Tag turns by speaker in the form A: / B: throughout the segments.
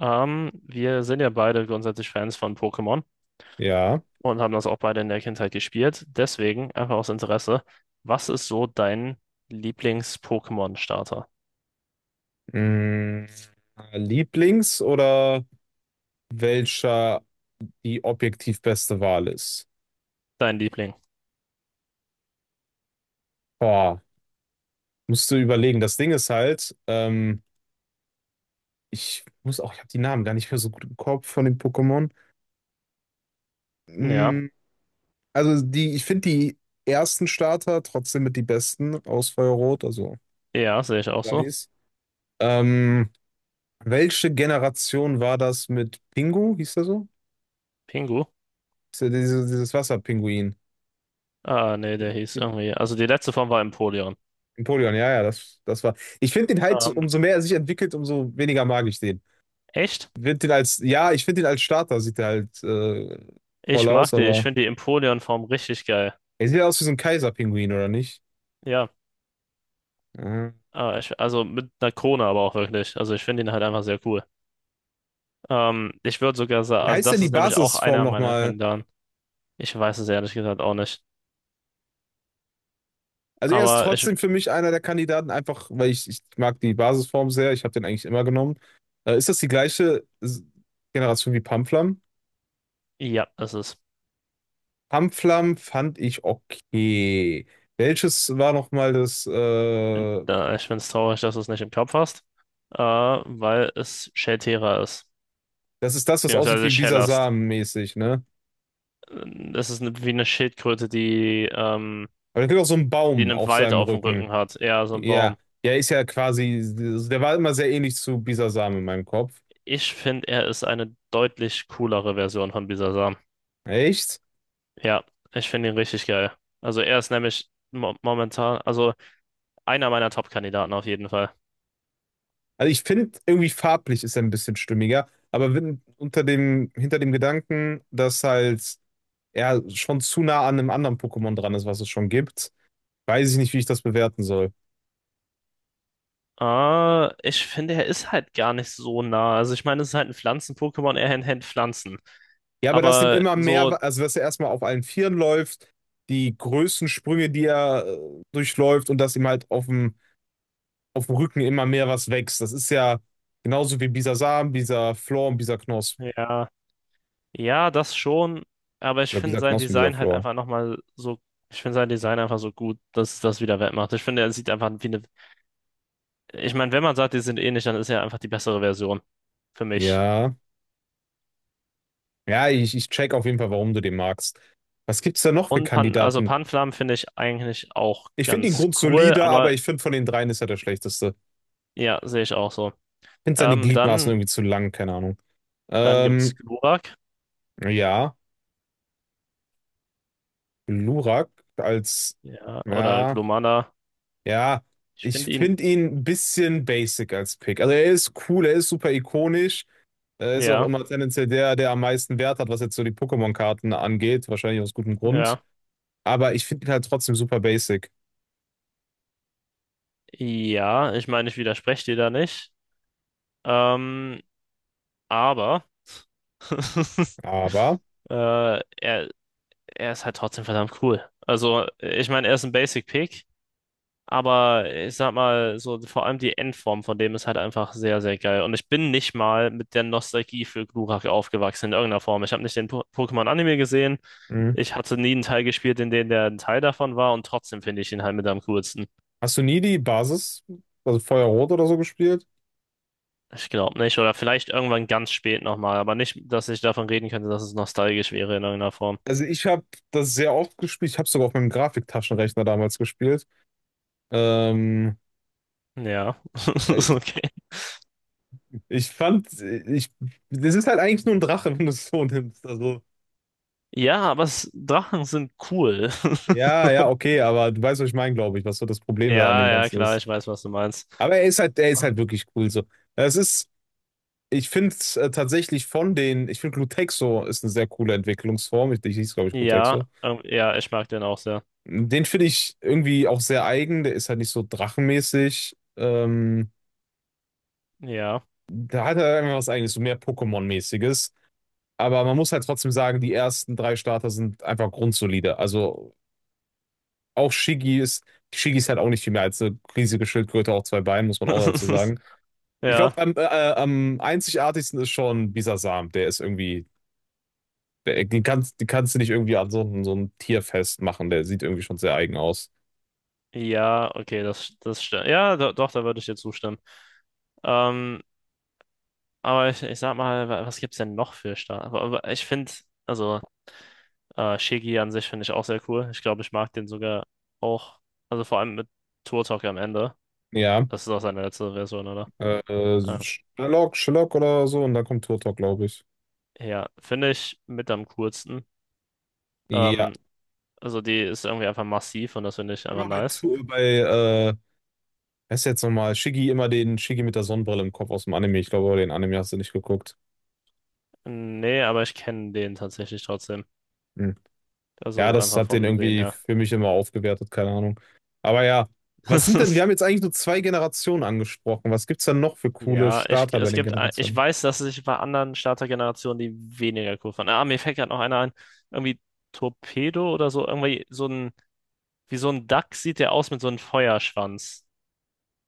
A: Wir sind ja beide grundsätzlich Fans von Pokémon
B: Ja.
A: und haben das auch beide in der Kindheit gespielt. Deswegen, einfach aus Interesse, was ist so dein Lieblings-Pokémon-Starter?
B: Mm, Lieblings oder welcher die objektiv beste Wahl ist?
A: Dein Liebling?
B: Boah, musst du überlegen. Das Ding ist halt, ich habe die Namen gar nicht mehr so gut im Kopf von den Pokémon.
A: Ja,
B: Mm, ich finde die ersten Starter trotzdem mit die besten aus Feuerrot, also
A: ja, sehe ich auch so.
B: Stanis. Ähm, Welche Generation war das mit Pingu? Hieß der so?
A: Pingu?
B: Ist ja dieses Wasserpinguin.
A: Ah, nee, der hieß irgendwie. Also die letzte Form war Empoleon.
B: Napoleon, ja, ja, das war. Ich finde ihn halt,
A: Ähm,
B: umso mehr er sich entwickelt, umso weniger mag ich den.
A: echt?
B: Ich find ihn als, ja, ich finde ihn als Starter, sieht er halt toll
A: Ich
B: aus,
A: mag die. Ich
B: aber
A: finde die Empoleon-Form richtig geil.
B: er sieht aus wie so ein Kaiserpinguin, oder nicht?
A: Ja,
B: Mhm.
A: ah, ich, also mit einer Krone aber auch wirklich. Also ich finde ihn halt einfach sehr cool. Ich würde sogar sagen,
B: Wie
A: also
B: heißt denn
A: das
B: die
A: ist nämlich auch
B: Basisform
A: einer meiner
B: nochmal?
A: Kandidaten. Ich weiß es ehrlich gesagt auch nicht.
B: Also er ist
A: Aber ich,
B: trotzdem für mich einer der Kandidaten, einfach weil ich mag die Basisform sehr, ich habe den eigentlich immer genommen. Ist das die gleiche Generation wie Pamflam?
A: ja, es ist,
B: Pamflam fand ich okay. Welches war nochmal das
A: ich finde es traurig, dass du es nicht im Kopf hast, weil es Schelltierer ist,
B: das ist das, was aussieht
A: beziehungsweise
B: wie
A: Schellast.
B: Bisasam mäßig, ne?
A: Es ist eine, wie eine Schildkröte, die,
B: Aber da gibt auch so einen
A: die
B: Baum
A: einen
B: auf
A: Wald
B: seinem
A: auf dem
B: Rücken.
A: Rücken hat, eher so ein
B: Ja,
A: Baum.
B: ja, ist ja quasi, der war immer sehr ähnlich zu Bisasam in meinem Kopf.
A: Ich finde, er ist eine deutlich coolere Version von Bisasam.
B: Echt?
A: Ja, ich finde ihn richtig geil. Also er ist nämlich mo momentan, also einer meiner Top-Kandidaten auf jeden Fall.
B: Also ich finde, irgendwie farblich ist er ein bisschen stimmiger, aber wenn, hinter dem Gedanken, dass halt er schon zu nah an einem anderen Pokémon dran ist, was es schon gibt, weiß ich nicht, wie ich das bewerten soll.
A: Ich finde, er ist halt gar nicht so nah. Also ich meine, es ist halt ein Pflanzen-Pokémon, er hält Pflanzen.
B: Ja, aber dass dem
A: Aber
B: immer
A: so,
B: mehr, also dass er erstmal auf allen Vieren läuft, die Größensprünge, die er durchläuft und dass ihm halt auf dem Rücken immer mehr was wächst. Das ist ja genauso wie Bisa Samen, Bisa Flor und Bisa Knosp.
A: ja, ja, das schon. Aber ich
B: Oder
A: finde
B: Bisa
A: sein
B: Knosp und Bisa
A: Design halt
B: Flor.
A: einfach nochmal so, ich finde sein Design einfach so gut, dass das wieder wettmacht. Ich finde, er sieht einfach wie eine, ich meine, wenn man sagt, die sind ähnlich, dann ist er einfach die bessere Version für mich.
B: Ja. Ja, ich check auf jeden Fall, warum du den magst. Was gibt's da noch für
A: Und Pan, also
B: Kandidaten?
A: Panflam finde ich eigentlich auch
B: Ich finde ihn
A: ganz cool,
B: grundsolide, aber
A: aber
B: ich finde von den dreien ist er der schlechteste. Ich
A: ja, sehe ich auch so.
B: finde seine
A: Ähm,
B: Gliedmaßen
A: dann,
B: irgendwie zu lang, keine Ahnung.
A: dann gibt's
B: Ähm,
A: Glurak,
B: ja, Lurak als,
A: ja, oder
B: ja,
A: Glomanda.
B: ja,
A: Ich
B: ich
A: finde ihn,
B: finde ihn ein bisschen basic als Pick. Also er ist cool, er ist super ikonisch. Ist auch
A: ja,
B: immer tendenziell der am meisten Wert hat, was jetzt so die Pokémon-Karten angeht. Wahrscheinlich aus gutem Grund.
A: ja,
B: Aber ich finde ihn halt trotzdem super basic.
A: ja, ich meine, ich widerspreche dir da nicht. Ähm, aber
B: Aber,
A: äh, er, er ist halt trotzdem verdammt cool. Also, ich meine, er ist ein Basic Pick, aber ich sag mal, so vor allem die Endform von dem ist halt einfach sehr, sehr geil. Und ich bin nicht mal mit der Nostalgie für Glurak aufgewachsen in irgendeiner Form. Ich habe nicht den Pokémon-Anime gesehen.
B: mh.
A: Ich hatte nie einen Teil gespielt, in dem der ein Teil davon war und trotzdem finde ich ihn halt mit am coolsten.
B: Hast du nie die Basis, also Feuerrot oder so gespielt?
A: Ich glaube nicht. Oder vielleicht irgendwann ganz spät nochmal. Aber nicht, dass ich davon reden könnte, dass es nostalgisch wäre in irgendeiner Form.
B: Also ich habe das sehr oft gespielt. Ich habe sogar auf meinem Grafiktaschenrechner damals gespielt. Ähm,
A: Ja, ist
B: ich,
A: okay.
B: ich fand, das ist halt eigentlich nur ein Drache, wenn du es so nimmst. Also,
A: Ja, aber es, Drachen sind cool.
B: ja, ja, okay, aber du weißt, was ich meine, glaube ich, was so das Problem da an
A: Ja,
B: dem
A: ja,
B: Ganzen
A: klar,
B: ist.
A: ich weiß, was du meinst.
B: Aber er ist halt wirklich cool so. Es ist. Ich finde es tatsächlich von den, ich finde Glutexo ist eine sehr coole Entwicklungsform. Ich, die hieß, glaube ich,
A: Ja,
B: Glutexo.
A: ja, ich mag den auch sehr.
B: Den finde ich irgendwie auch sehr eigen. Der ist halt nicht so drachenmäßig.
A: Ja.
B: Da hat er einfach was eigenes, so mehr Pokémon-mäßiges. Aber man muss halt trotzdem sagen, die ersten drei Starter sind einfach grundsolide. Also auch Shiggy ist halt auch nicht viel mehr als eine riesige Schildkröte auf zwei Beinen, muss man auch dazu sagen. Ich glaube,
A: Ja,
B: am einzigartigsten ist schon Bisasam. Der ist irgendwie. Die kannst du nicht irgendwie an so ein Tier festmachen. Der sieht irgendwie schon sehr eigen aus.
A: ja, okay, das, das stimmt. Ja, do, doch, da würde ich dir zustimmen. Ähm, Aber ich sag mal, was gibt's denn noch für Star? Aber ich finde, also Shiggy an sich finde ich auch sehr cool. Ich glaube, ich mag den sogar auch. Also vor allem mit Turtok Talk am Ende.
B: Ja,
A: Das ist auch seine letzte Version, oder?
B: äh, äh,
A: Ja,
B: Sherlock, Sherlock oder so. Und dann kommt Turtok, glaube ich.
A: ja finde ich mit am coolsten. Ähm,
B: Ja,
A: also die ist irgendwie einfach massiv und das finde ich einfach
B: immer bei,
A: nice.
B: Tu- bei äh, wer ist jetzt nochmal? Shiggy, immer den Shiggy mit der Sonnenbrille im Kopf aus dem Anime. Ich glaube, den Anime hast du nicht geguckt.
A: Nee, aber ich kenne den tatsächlich trotzdem.
B: Hm. Ja,
A: Also
B: das
A: einfach
B: hat den
A: vom Sehen
B: irgendwie
A: her.
B: für mich immer aufgewertet, keine Ahnung. Aber ja, was sind denn, wir haben jetzt eigentlich nur zwei Generationen angesprochen. Was gibt's denn noch für coole
A: Ja, ich,
B: Starter bei
A: es
B: den
A: gibt, ich
B: Generationen?
A: weiß, dass sich bei anderen Startergenerationen die weniger cool fanden. Ah, mir fällt gerade noch einer ein. Irgendwie Torpedo oder so. Irgendwie so ein, wie so ein Duck sieht der aus mit so einem Feuerschwanz.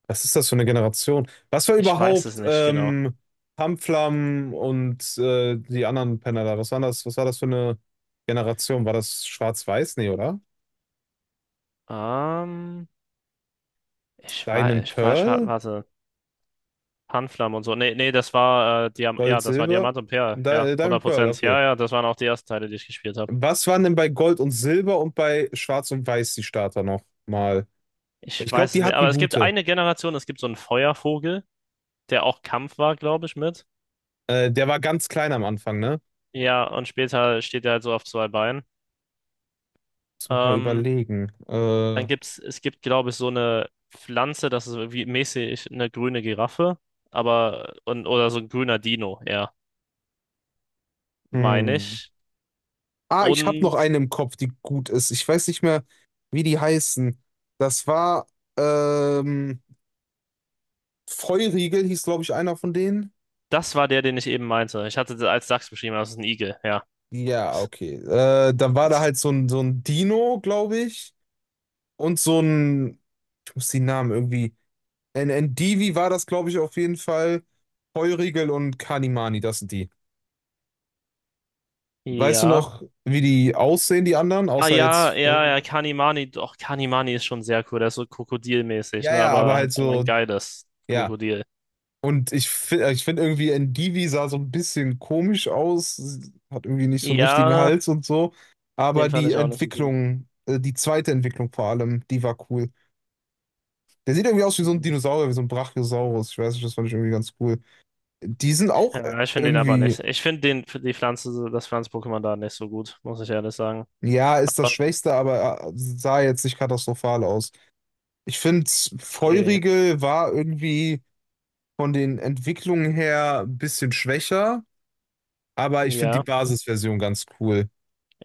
B: Was ist das für eine Generation? Was war
A: Ich weiß es
B: überhaupt
A: nicht genau.
B: Tamflam und die anderen Penner da? Was war das für eine Generation? War das Schwarz-Weiß? Nee, oder?
A: Ähm, Ich weiß,
B: Diamond
A: ich war,
B: Pearl?
A: warte. Panflam und so. Nee, nee, das war, Diam ja,
B: Gold,
A: das war
B: Silber?
A: Diamant und Perl.
B: Di
A: Ja,
B: Diamond Pearl,
A: 100%.
B: okay.
A: Ja, ja, das waren auch die ersten Teile, die ich gespielt habe.
B: Was waren denn bei Gold und Silber und bei Schwarz und Weiß die Starter noch mal?
A: Ich
B: Ich glaube,
A: weiß es
B: die
A: nicht. Aber
B: hatten
A: es gibt
B: gute.
A: eine Generation, es gibt so einen Feuervogel, der auch Kampf war, glaube ich, mit.
B: Der war ganz klein am Anfang, ne?
A: Ja, und später steht er halt so auf zwei Beinen.
B: Muss noch mal
A: Ähm,
B: überlegen.
A: es gibt, glaube ich, so eine Pflanze, das ist wie mäßig eine grüne Giraffe, aber, und, oder so ein grüner Dino, ja, meine
B: Hm.
A: ich.
B: Ah, ich habe noch
A: Und
B: eine im Kopf, die gut ist. Ich weiß nicht mehr, wie die heißen. Das war, ähm, Feurigel hieß, glaube ich, einer von denen.
A: das war der, den ich eben meinte. Ich hatte das als Dachs beschrieben, aber das ist ein Igel, ja.
B: Ja, okay. Dann war da halt so ein Dino, glaube ich. Und so ein, ich muss die Namen irgendwie. Ein war das, glaube ich, auf jeden Fall. Feurigel und Kanimani, das sind die. Weißt du
A: Ja.
B: noch, wie die aussehen, die anderen?
A: Ah
B: Außer
A: ja,
B: jetzt.
A: ja, ja, Kanimani, doch, Kanimani ist schon sehr cool, der ist so krokodilmäßig,
B: Ja,
A: ne,
B: ja, aber
A: aber halt
B: halt
A: aber ein
B: so.
A: geiles
B: Ja.
A: Krokodil.
B: Und ich finde irgendwie, Ndivi sah so ein bisschen komisch aus, sie hat irgendwie nicht so einen richtigen
A: Ja,
B: Hals und so. Aber
A: den fand ich auch nicht so cool.
B: Die zweite Entwicklung vor allem, die war cool. Der sieht irgendwie aus wie so ein Dinosaurier, wie so ein Brachiosaurus. Ich weiß nicht, das fand ich irgendwie ganz cool. Die sind auch
A: Ja, ich finde den aber
B: irgendwie,
A: nicht. Ich finde den, für die Pflanze, das Pflanz-Pokémon da nicht so gut, muss ich ehrlich sagen.
B: ja, ist das Schwächste, aber sah jetzt nicht katastrophal aus. Ich finde,
A: Okay.
B: Feurigel war irgendwie von den Entwicklungen her ein bisschen schwächer, aber ich finde
A: Ja,
B: die Basisversion ganz cool.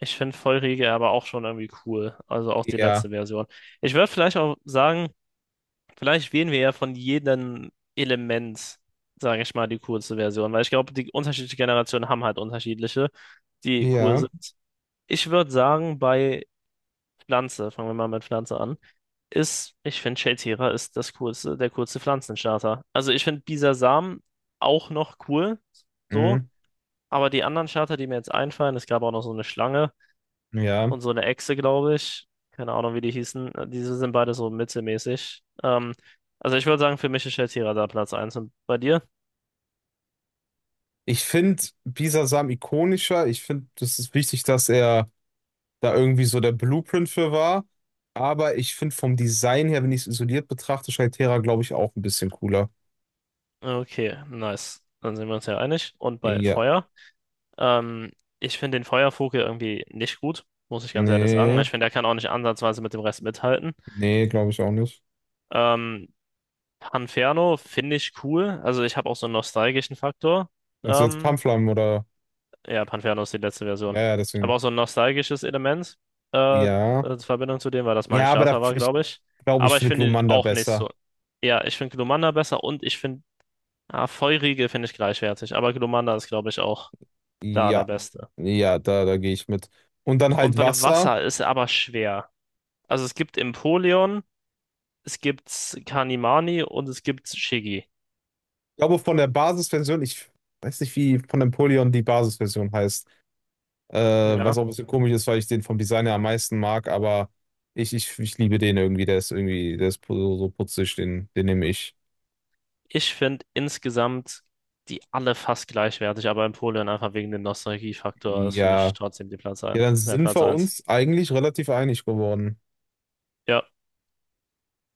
A: ich finde Feurige aber auch schon irgendwie cool. Also auch die
B: Ja.
A: letzte Version. Ich würde vielleicht auch sagen, vielleicht wählen wir ja von jedem Element, sage ich mal, die coolste Version, weil ich glaube, die unterschiedlichen Generationen haben halt unterschiedliche, die cool
B: Ja,
A: sind. Ich würde sagen, bei Pflanze, fangen wir mal mit Pflanze an, ist, ich finde, Shadespira ist das coolste, der coolste Pflanzenstarter. Also ich finde Bisasam auch noch cool, so,
B: mhm,
A: aber die anderen Starter, die mir jetzt einfallen, es gab auch noch so eine Schlange
B: ja.
A: und so eine Echse, glaube ich. Keine Ahnung, wie die hießen. Diese sind beide so mittelmäßig. Also ich würde sagen, für mich ist Shadespira da Platz eins und bei dir?
B: Ich finde Bisasam ikonischer. Ich finde, das ist wichtig, dass er da irgendwie so der Blueprint für war. Aber ich finde vom Design her, wenn ich es isoliert betrachte, Shaitera, glaube ich, auch ein bisschen cooler.
A: Okay, nice. Dann sind wir uns ja einig. Und bei
B: Ja.
A: Feuer? Ähm, Ich finde den Feuervogel irgendwie nicht gut, muss ich ganz ehrlich sagen. Ich
B: Nee,
A: finde, er kann auch nicht ansatzweise mit dem Rest mithalten.
B: nee, glaube ich auch nicht.
A: Ähm, Panferno finde ich cool. Also ich habe auch so einen nostalgischen Faktor.
B: Also jetzt
A: Ähm,
B: Pamflam oder.
A: ja, Panferno ist die letzte Version.
B: Ja, ja,
A: Ich habe
B: deswegen.
A: auch so ein nostalgisches Element
B: Ja.
A: in Verbindung zu dem, weil das mein
B: Ja, aber da,
A: Starter war,
B: ich
A: glaube ich.
B: glaube, ich
A: Aber ich
B: finde
A: finde ihn
B: Glumanda
A: auch nicht
B: besser.
A: so. Ja, ich finde Glumanda besser und ich finde, ah, Feurige finde ich gleichwertig. Aber Glumanda ist, glaube ich, auch da der
B: Ja.
A: Beste.
B: Ja, da, da gehe ich mit. Und dann
A: Und
B: halt
A: bei
B: Wasser.
A: Wasser ist er aber schwer. Also es gibt Empoleon, es gibt Kanimani und es gibt Shiggy.
B: Ich glaube, von der Basisversion, ich weiß nicht, wie von Napoleon die Basisversion heißt. Äh,
A: Ja.
B: was auch ein bisschen komisch ist, weil ich den vom Design her am meisten mag, aber ich liebe den irgendwie. Der ist irgendwie, der ist so so putzig, den nehme ich.
A: Ich finde insgesamt die alle fast gleichwertig, aber Empoleon einfach wegen dem Nostalgiefaktor ist für mich
B: Ja.
A: trotzdem die Platz
B: Ja,
A: ein,
B: dann
A: der
B: sind
A: Platz
B: wir
A: eins.
B: uns eigentlich relativ einig geworden.
A: Ja,